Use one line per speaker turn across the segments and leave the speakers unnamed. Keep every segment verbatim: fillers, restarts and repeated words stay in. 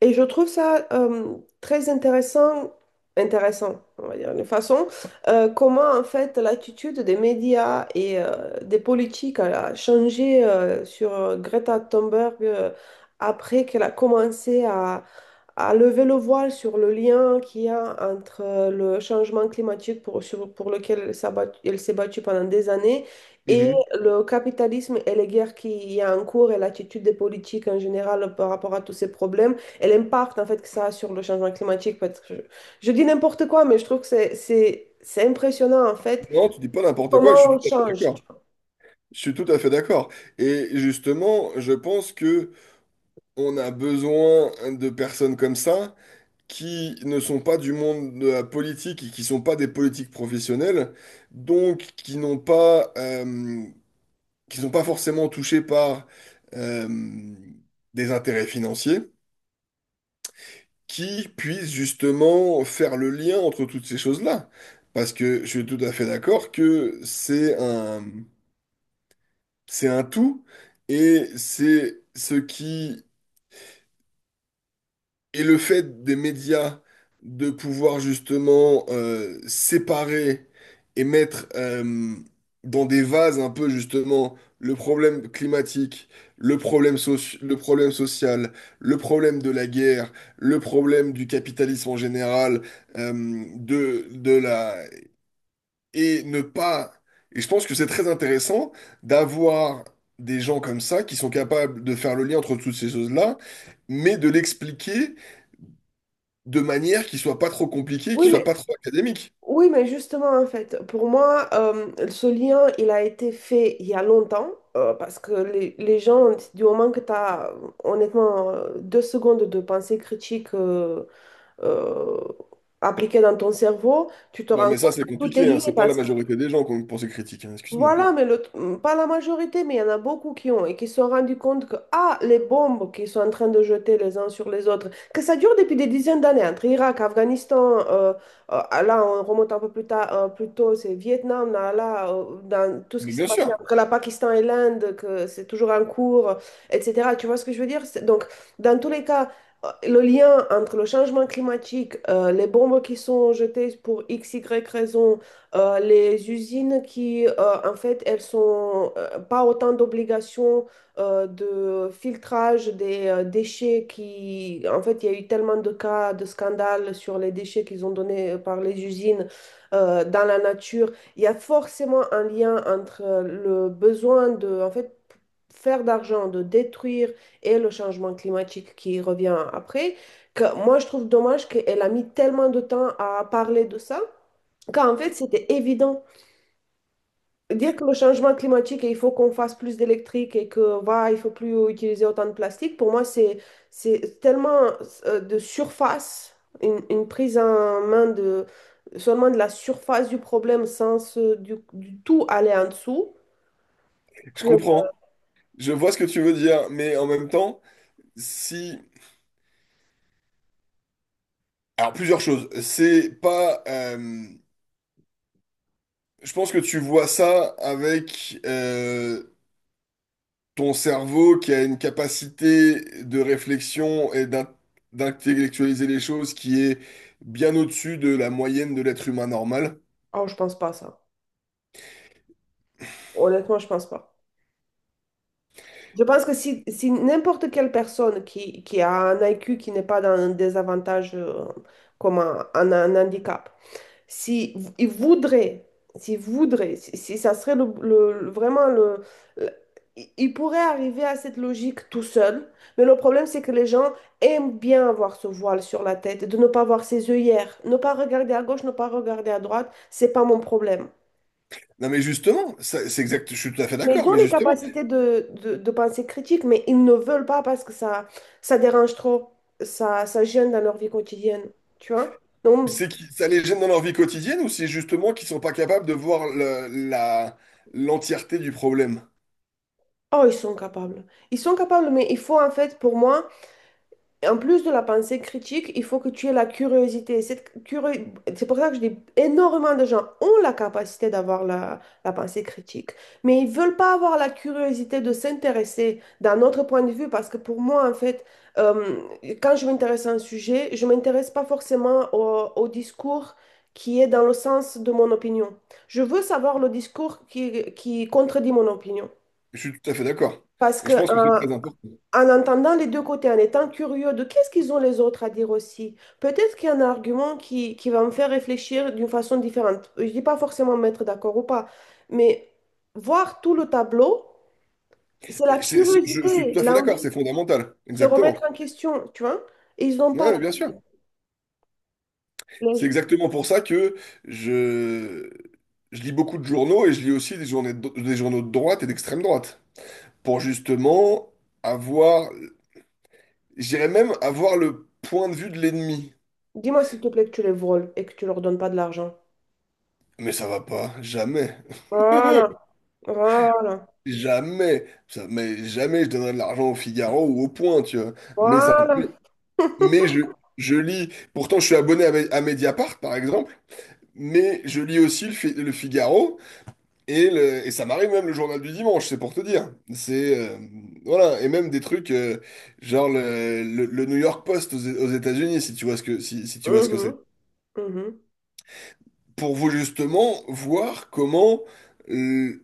Et je trouve ça euh, très intéressant, intéressant, on va dire, de façon, euh, comment en fait l'attitude des médias et euh, des politiques a changé euh, sur euh, Greta Thunberg euh, après qu'elle a commencé à à lever le voile sur le lien qu'il y a entre euh, le changement climatique pour, sur- pour lequel elle s'est battue, elle s'est battue pendant des années et
Mhm.
le capitalisme et les guerres qu'il y a en cours et l'attitude des politiques en général par rapport à tous ces problèmes et l'impact en fait que ça a sur le changement climatique. Parce que je, je dis n'importe quoi, mais je trouve que c'est, c'est, c'est impressionnant en fait
Non, tu dis pas n'importe quoi, je suis
comment on
tout à fait
change.
d'accord. Je suis tout à fait d'accord. Et justement, je pense que on a besoin de personnes comme ça qui ne sont pas du monde de la politique et qui sont pas des politiques professionnelles, donc qui n'ont pas, euh, qui sont pas forcément touchés par euh, des intérêts financiers, qui puissent justement faire le lien entre toutes ces choses-là. Parce que je suis tout à fait d'accord que c'est un c'est un tout, et c'est ce qui est le fait des médias de pouvoir justement euh, séparer et mettre euh, dans des vases un peu justement le problème climatique, le problème soci- le problème social, le problème de la guerre, le problème du capitalisme en général, euh, de, de la et ne pas. Et je pense que c'est très intéressant d'avoir des gens comme ça qui sont capables de faire le lien entre toutes ces choses-là, mais de l'expliquer de manière qui soit pas trop compliquée, qui
Oui,
soit
mais
pas trop académique.
Oui, mais justement, en fait, pour moi, euh, ce lien, il a été fait il y a longtemps, euh, parce que les, les gens, du moment que tu as, honnêtement, euh, deux secondes de pensée critique euh, euh, appliquée dans ton cerveau, tu te
Bah,
rends
mais ça,
compte
c'est
que tout est
compliqué, hein.
lié,
C'est pas la
parce que
majorité des gens qui ont une pensée critique, hein. Excuse-moi.
voilà, mais le- mm, pas la majorité, mais il y en a beaucoup qui ont et qui se sont rendus compte que, ah, les bombes qu'ils sont en train de jeter les uns sur les autres, que ça dure depuis des dizaines d'années, entre Irak, Afghanistan, euh, euh, là, on remonte un peu plus tard, euh, plus tôt, c'est Vietnam, là, là, euh, dans tout ce qui
Mais
s'est
bien
passé
sûr,
entre la Pakistan et l'Inde, que c'est toujours en cours, euh, et cetera. Tu vois ce que je veux dire? C'est- Donc, dans tous les cas, euh, le lien entre le changement climatique, euh, les bombes qui sont jetées pour x, y raison, euh, les usines qui, euh, en fait, elles sont euh, pas autant d'obligations euh, de filtrage des euh, déchets qui, en fait, il y a eu tellement de cas de scandales sur les déchets qu'ils ont donnés euh, par les usines euh, dans la nature. Il y a forcément un lien entre euh, le besoin de, en fait, faire d'argent, de détruire et le changement climatique qui revient après, que moi je trouve dommage qu'elle a mis tellement de temps à parler de ça quand en fait, c'était évident. Dire que le changement climatique et il faut qu'on fasse plus d'électrique et que voilà il faut plus utiliser autant de plastique, pour moi, c'est, c'est tellement euh, de surface, une, une prise en main de seulement de la surface du problème sans se- du, du tout aller en dessous,
je
que
comprends. Je vois ce que tu veux dire, mais en même temps, si. Alors, plusieurs choses. C'est pas. euh, Je pense que tu vois ça avec euh, ton cerveau qui a une capacité de réflexion et d'in- d'intellectualiser les choses qui est bien au-dessus de la moyenne de l'être humain normal.
oh, je pense pas à ça. Honnêtement, je pense pas. Je pense que si, si n'importe quelle personne qui, qui a un I Q qui n'est pas dans un désavantage euh, comme un, un- un handicap, si v- il voudrait, s'il voudrait, si, si ça serait le, le- le- vraiment le, le- il il pourrait arriver à cette logique tout seul, mais le problème c'est que les gens aiment bien avoir ce voile sur la tête, de ne pas voir ses œillères, ne pas regarder à gauche, ne pas regarder à droite, c'est pas mon problème.
Non mais justement, ça- c'est exact, je suis tout à fait
Mais ils
d'accord,
ont
mais
les
justement,
capacités de, de, de pensée critique, mais ils ne veulent pas parce que ça, ça dérange trop, ça, ça gêne dans leur vie quotidienne, tu vois? Donc,
c'est que ça les gêne dans leur vie quotidienne ou c'est justement qu'ils sont pas capables de voir le- la, l'entièreté du problème?
oh, ils sont capables. Ils sont capables, mais il faut en fait, pour moi, En plus de la pensée critique, il faut que tu aies la curiosité. Cette curio- C'est pour ça que je dis énormément de gens ont la capacité d'avoir la, la pensée critique, mais ils veulent pas avoir la curiosité de s'intéresser d'un autre point de vue parce que pour moi, en fait, euh, quand je m'intéresse à un sujet, je m'intéresse pas forcément au, au discours qui est dans le sens de mon opinion. Je veux savoir le discours qui, qui contredit mon opinion.
Je suis tout à fait d'accord.
Parce
Et
que
je pense que c'est
euh,
C'est très important.
en entendant les deux côtés, en étant curieux de qu'est-ce qu'ils ont les autres à dire aussi, peut-être qu'il y a un argument qui, qui va me faire réfléchir d'une façon différente. Je ne dis pas forcément me mettre d'accord ou pas, mais voir tout le tableau, c'est la
Mais c'est- c'est- Je je suis
curiosité,
tout à fait d'accord.
l'envie de
C'est fondamental.
se remettre
Exactement.
en question, tu vois? Et ils n'ont pas
Oui, bien sûr.
la...
C'est
la-
exactement pour ça que je, je lis beaucoup de journaux et je lis aussi des journées de- des journaux de droite et d'extrême droite. Pour justement avoir, j'irais même avoir le point de vue de l'ennemi.
Dis-moi s'il te plaît que tu les voles et que tu leur donnes pas de l'argent.
Mais ça va pas, jamais.
Voilà, voilà,
Jamais, ça, mais jamais je donnerai de l'argent au Figaro ou au Point, tu vois. Mais ça,
voilà.
mais, mais je, je lis. Pourtant, je suis abonné à, Me- à Mediapart, par exemple, mais je lis aussi le, Fi- le Figaro. Et, le- et ça m'arrive même le journal du dimanche, c'est pour te dire. C'est euh, voilà, et même des trucs euh, genre le, le- le New York Post aux, aux États-Unis, si tu vois ce que, si, si tu vois ce que c'est.
Mhm, mhm.
Pour vous justement voir comment euh,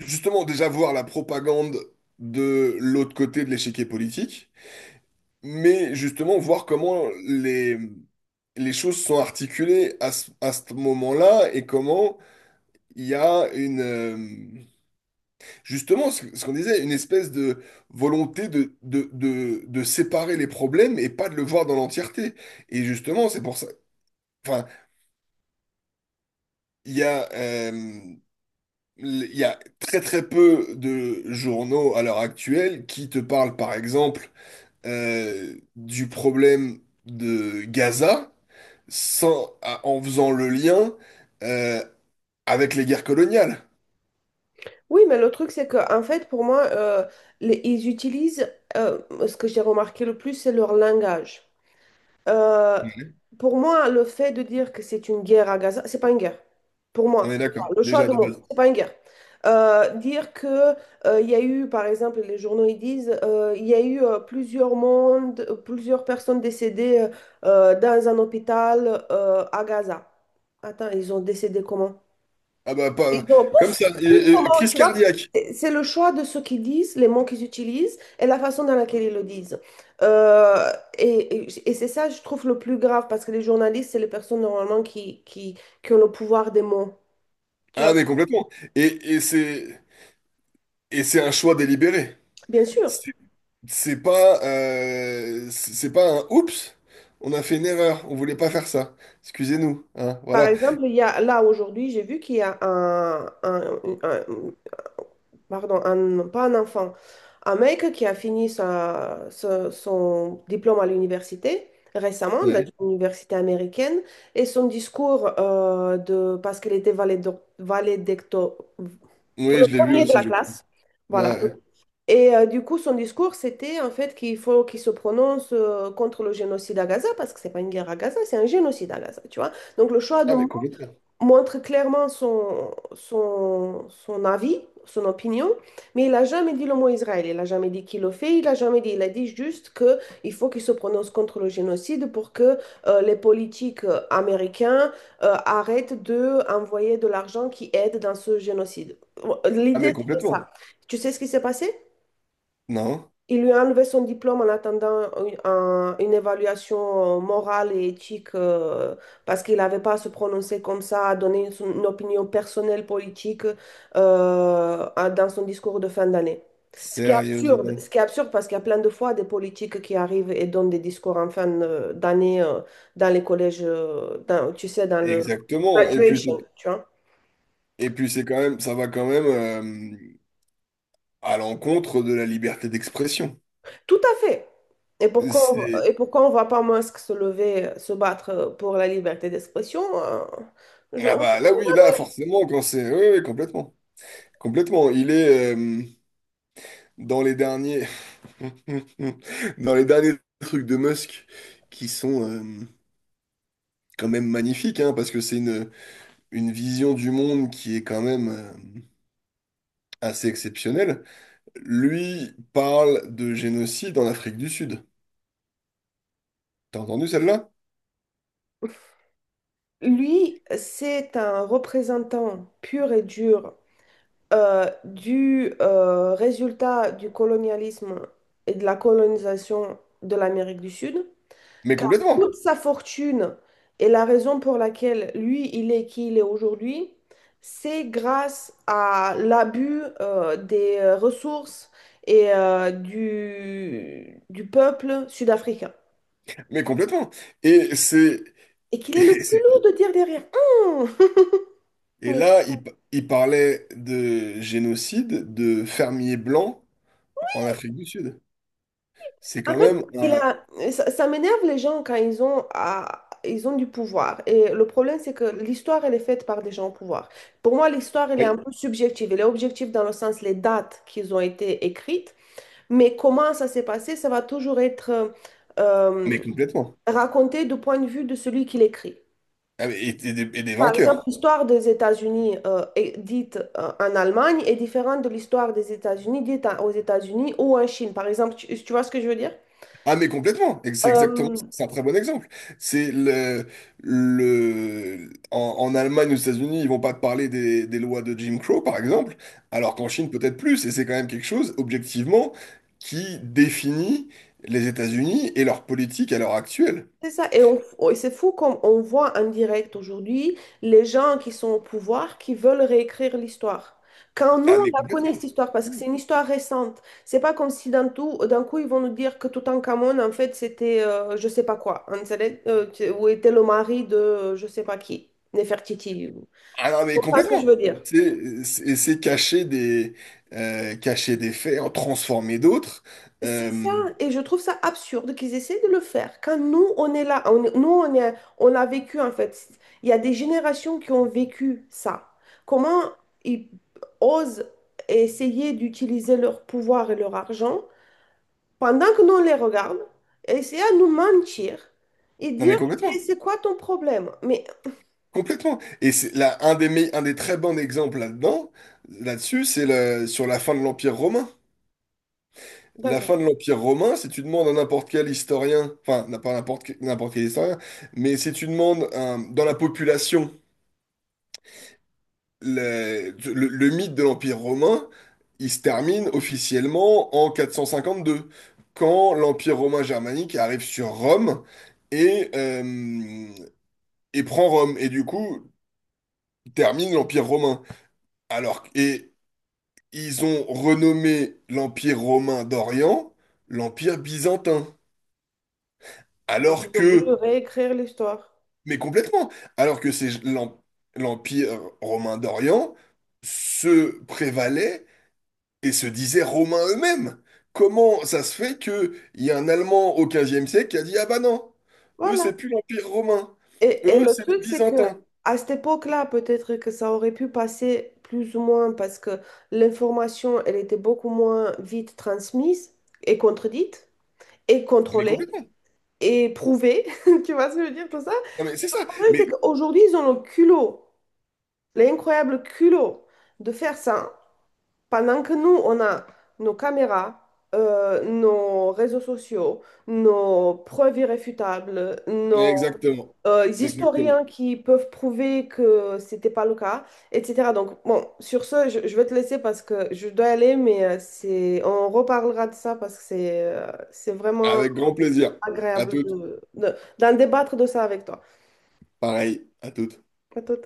justement déjà voir la propagande de l'autre côté de l'échiquier politique, mais justement voir comment les les choses sont articulées à ce, à ce moment-là et comment il y a une euh, justement, ce ce qu'on disait, une espèce de volonté de, de, de, de séparer les problèmes et pas de le voir dans l'entièreté. Et justement, c'est pour ça. Enfin, il y a, euh, il y a très très peu de journaux à l'heure actuelle qui te parlent, par exemple, euh, du problème de Gaza sans, à- en faisant le lien euh, avec les guerres coloniales.
Oui, mais le truc, c'est que, en fait, pour moi, euh, les- ils utilisent, euh, ce que j'ai remarqué le plus, c'est leur langage. Euh,
Mhm.
pour moi, le fait de dire que c'est une guerre à Gaza, c'est pas une guerre. Pour
On
moi,
est
déjà,
d'accord,
le choix
déjà
de
de
mots,
base.
c'est pas une guerre. Euh, dire que euh, il y a eu, par exemple, les journaux ils disent, euh, il y a eu euh, plusieurs mondes, euh, plusieurs personnes décédées euh, dans un hôpital euh, à Gaza. Attends, ils ont décédé comment?
Ah bah,
Ils
pas,
ont
comme
pouf,
ça,
pouf,
euh, euh,
comment,
crise
tu vois,
cardiaque.
c'est c'est le choix de ce qu'ils disent, les mots qu'ils utilisent et la façon dans laquelle ils le disent. Euh, et et- et c'est ça, je trouve, le plus grave parce que les journalistes, c'est les personnes normalement qui, qui, qui ont le pouvoir des mots. Tu
Ah
vois,
mais complètement. Et, et c'est et c'est un choix délibéré.
bien sûr,
C'est c'est pas euh, c'est c'est pas un oups, on a fait une erreur, on voulait pas faire ça. Excusez-nous, hein,
Par
voilà.
exemple, il y a, là aujourd'hui, j'ai vu qu'il y a un, un- un- pardon, un- pas un enfant, un mec qui a fini sa- sa- son diplôme à l'université récemment, dans
Ouais.
une université américaine, et son discours euh, de, parce qu'il était valédo- valédicto, pour
Oui,
le
je l'ai vu
premier de
aussi,
la
je crois.
classe,
Ouais.
voilà.
Ouais.
Et euh, du coup, son discours, c'était en fait qu'il faut qu'il se prononce euh, contre le génocide à Gaza, parce que c'est pas une guerre à Gaza, c'est un génocide à Gaza, tu vois. Donc le choix de
Ah mais
mots
complètement.
montre clairement son, son, son avis, son opinion, mais il n'a jamais dit le mot Israël, il n'a jamais dit qu'il le fait, il n'a jamais dit, il a dit juste qu'il faut qu'il se prononce contre le génocide pour que euh, les politiques euh, américains euh, arrêtent d'envoyer de envoyer de l'argent qui aide dans ce génocide.
Ah
L'idée,
mais
c'était
complètement.
ça. Tu sais ce qui s'est passé?
Non,
Il lui a enlevé son diplôme en attendant une, un- une évaluation morale et éthique euh, parce qu'il n'avait pas à se prononcer comme ça, à donner son- une opinion personnelle politique euh, à- dans son discours de fin d'année. Ce qui est absurde, ce
sérieusement.
qui est absurde parce qu'il y a plein de fois des politiques qui arrivent et donnent des discours en fin euh, d'année euh, dans les collèges, euh, dans- tu sais, dans le
Exactement. Et puis
graduation,
c'est-
tu vois.
et puis c'est quand même ça va quand même euh, à l'encontre de la liberté d'expression.
Tout à fait. Et pourquoi, on- va-
C'est
et pourquoi on ne voit pas Musk se lever, euh, se battre pour la liberté d'expression? euh, je-
Ah
on-
bah là oui, là forcément quand c'est oui, oui, complètement. Complètement. Il est euh, dans les derniers, dans les derniers trucs de Musk qui sont euh, quand même magnifiques, hein, parce que c'est une, une vision du monde qui est quand même euh, assez exceptionnelle. Lui parle de génocide en Afrique du Sud. T'as entendu celle-là?
Lui, c'est un représentant pur et dur euh, du euh, résultat du colonialisme et de la colonisation de l'Amérique du Sud.
Mais
Car
complètement.
toute sa fortune et la raison pour laquelle lui, il est qui il est aujourd'hui, c'est grâce à l'abus euh, des euh, ressources et euh, du, du peuple sud-africain.
Mais complètement. Et c'est
Et qu'il
et
est le
c'est-
culot de dire derrière, Hum
et
Mais
là, il, pa- il parlait de génocide de fermiers blancs en Afrique du Sud. C'est
en
quand
fait,
même
il
un.
a, ça, ça m'énerve les gens quand ils ont, à- ils ont du pouvoir. Et le problème, c'est que l'histoire, elle est faite par des gens au pouvoir. Pour moi, l'histoire, elle est un peu subjective. Elle est objective dans le sens les dates qui ont été écrites, Mais comment ça s'est passé, ça va toujours être euh, euh,
Mais complètement.
raconté du point de vue de celui qui l'écrit.
Ah, mais- Et, et des, et des
Par exemple,
vainqueurs.
l'histoire des États-Unis euh, est dite euh, en Allemagne est différente de l'histoire des États-Unis dite à- aux États-Unis ou en Chine. Par exemple, tu, tu vois ce que je veux dire?
Ah, mais complètement. Et C'est exactement
Euh,
ça. C'est un très bon exemple. C'est le, le, en, en Allemagne, aux États-Unis, ils vont pas te parler des, des lois de Jim Crow, par exemple, alors qu'en Chine, peut-être plus. Et c'est quand même quelque chose, objectivement, qui définit les États-Unis et leur politique à l'heure actuelle.
C'est ça, et on- on- et c'est fou comme on voit en direct aujourd'hui les gens qui sont au pouvoir qui veulent réécrire l'histoire. Quand nous,
Ah,
on
mais
la connaît
complètement.
cette histoire, parce que c'est une histoire récente, c'est pas comme si d'un tout, d'un coup, ils vont nous dire que Toutankhamon, en fait, c'était euh, je sais pas quoi, hein, ça l'est- euh, tu- ou était le mari de euh, je sais pas qui, Nefertiti. Tu
Ah non, mais
comprends ce que je
complètement.
veux dire?
C'est c'est- c'est cacher des, euh, cacher des faits, en transformer d'autres.
C'est ça,
Euh,
et je trouve ça absurde qu'ils essaient de le faire. Quand nous, on est là, on est- nous, on est, on a vécu en fait. Il y a des générations qui ont vécu ça. Comment ils osent essayer d'utiliser leur pouvoir et leur argent pendant que nous, on les regarde, et essayer à nous mentir et
non, mais
dire que
complètement.
c'est quoi ton problème? Mais
Complètement. Et c'est là, un des, me- un des très bons exemples là-dedans, là-dessus, c'est le, sur la fin de l'Empire romain. La
d'accord,
fin de l'Empire romain, si tu demandes à n'importe quel historien, enfin, n'a pas n'importe que- n'importe quel historien, mais si tu demandes euh, dans la population le, le- le mythe de l'Empire romain, il se termine officiellement en quatre cent cinquante-deux, quand l'Empire romain germanique arrive sur Rome et, euh, et prend Rome, et du coup termine l'Empire romain. Alors, et ils ont renommé l'Empire romain d'Orient l'Empire byzantin.
donc
Alors
ils ont voulu
que,
réécrire l'histoire.
mais complètement, alors que c'est l'Em- l'Empire romain d'Orient se prévalait et se disait romains eux-mêmes. Comment ça se fait que il y a un Allemand au quinzième siècle qui a dit, ah bah non, eux
Voilà.
c'est plus l'Empire romain,
Et, et
eux
le
c'est les
truc, c'est que
Byzantins.
à cette époque-là, peut-être que ça aurait pu passer plus ou moins parce que l'information, elle était beaucoup moins vite transmise et contredite et
Mais
contrôlée
complètement.
et prouvée. Tu vois ce que je veux dire, tout ça?
Non mais c'est
Le
ça.
problème, c'est
Mais
qu'aujourd'hui, ils ont le culot, l'incroyable culot de faire ça pendant que nous, on a nos caméras. euh, nos réseaux sociaux, nos preuves irréfutables, nos
exactement.
euh, les
Exactement.
historiens qui peuvent prouver que c'était pas le cas, et cetera. Donc, bon, sur ce, je, je vais te laisser parce que je dois aller, mais euh, c'est, on reparlera de ça parce que c'est euh, c'est vraiment
Avec grand plaisir. À
agréable
toutes.
de, de- d'en débattre de ça avec toi.
Pareil. À toutes.
À tout.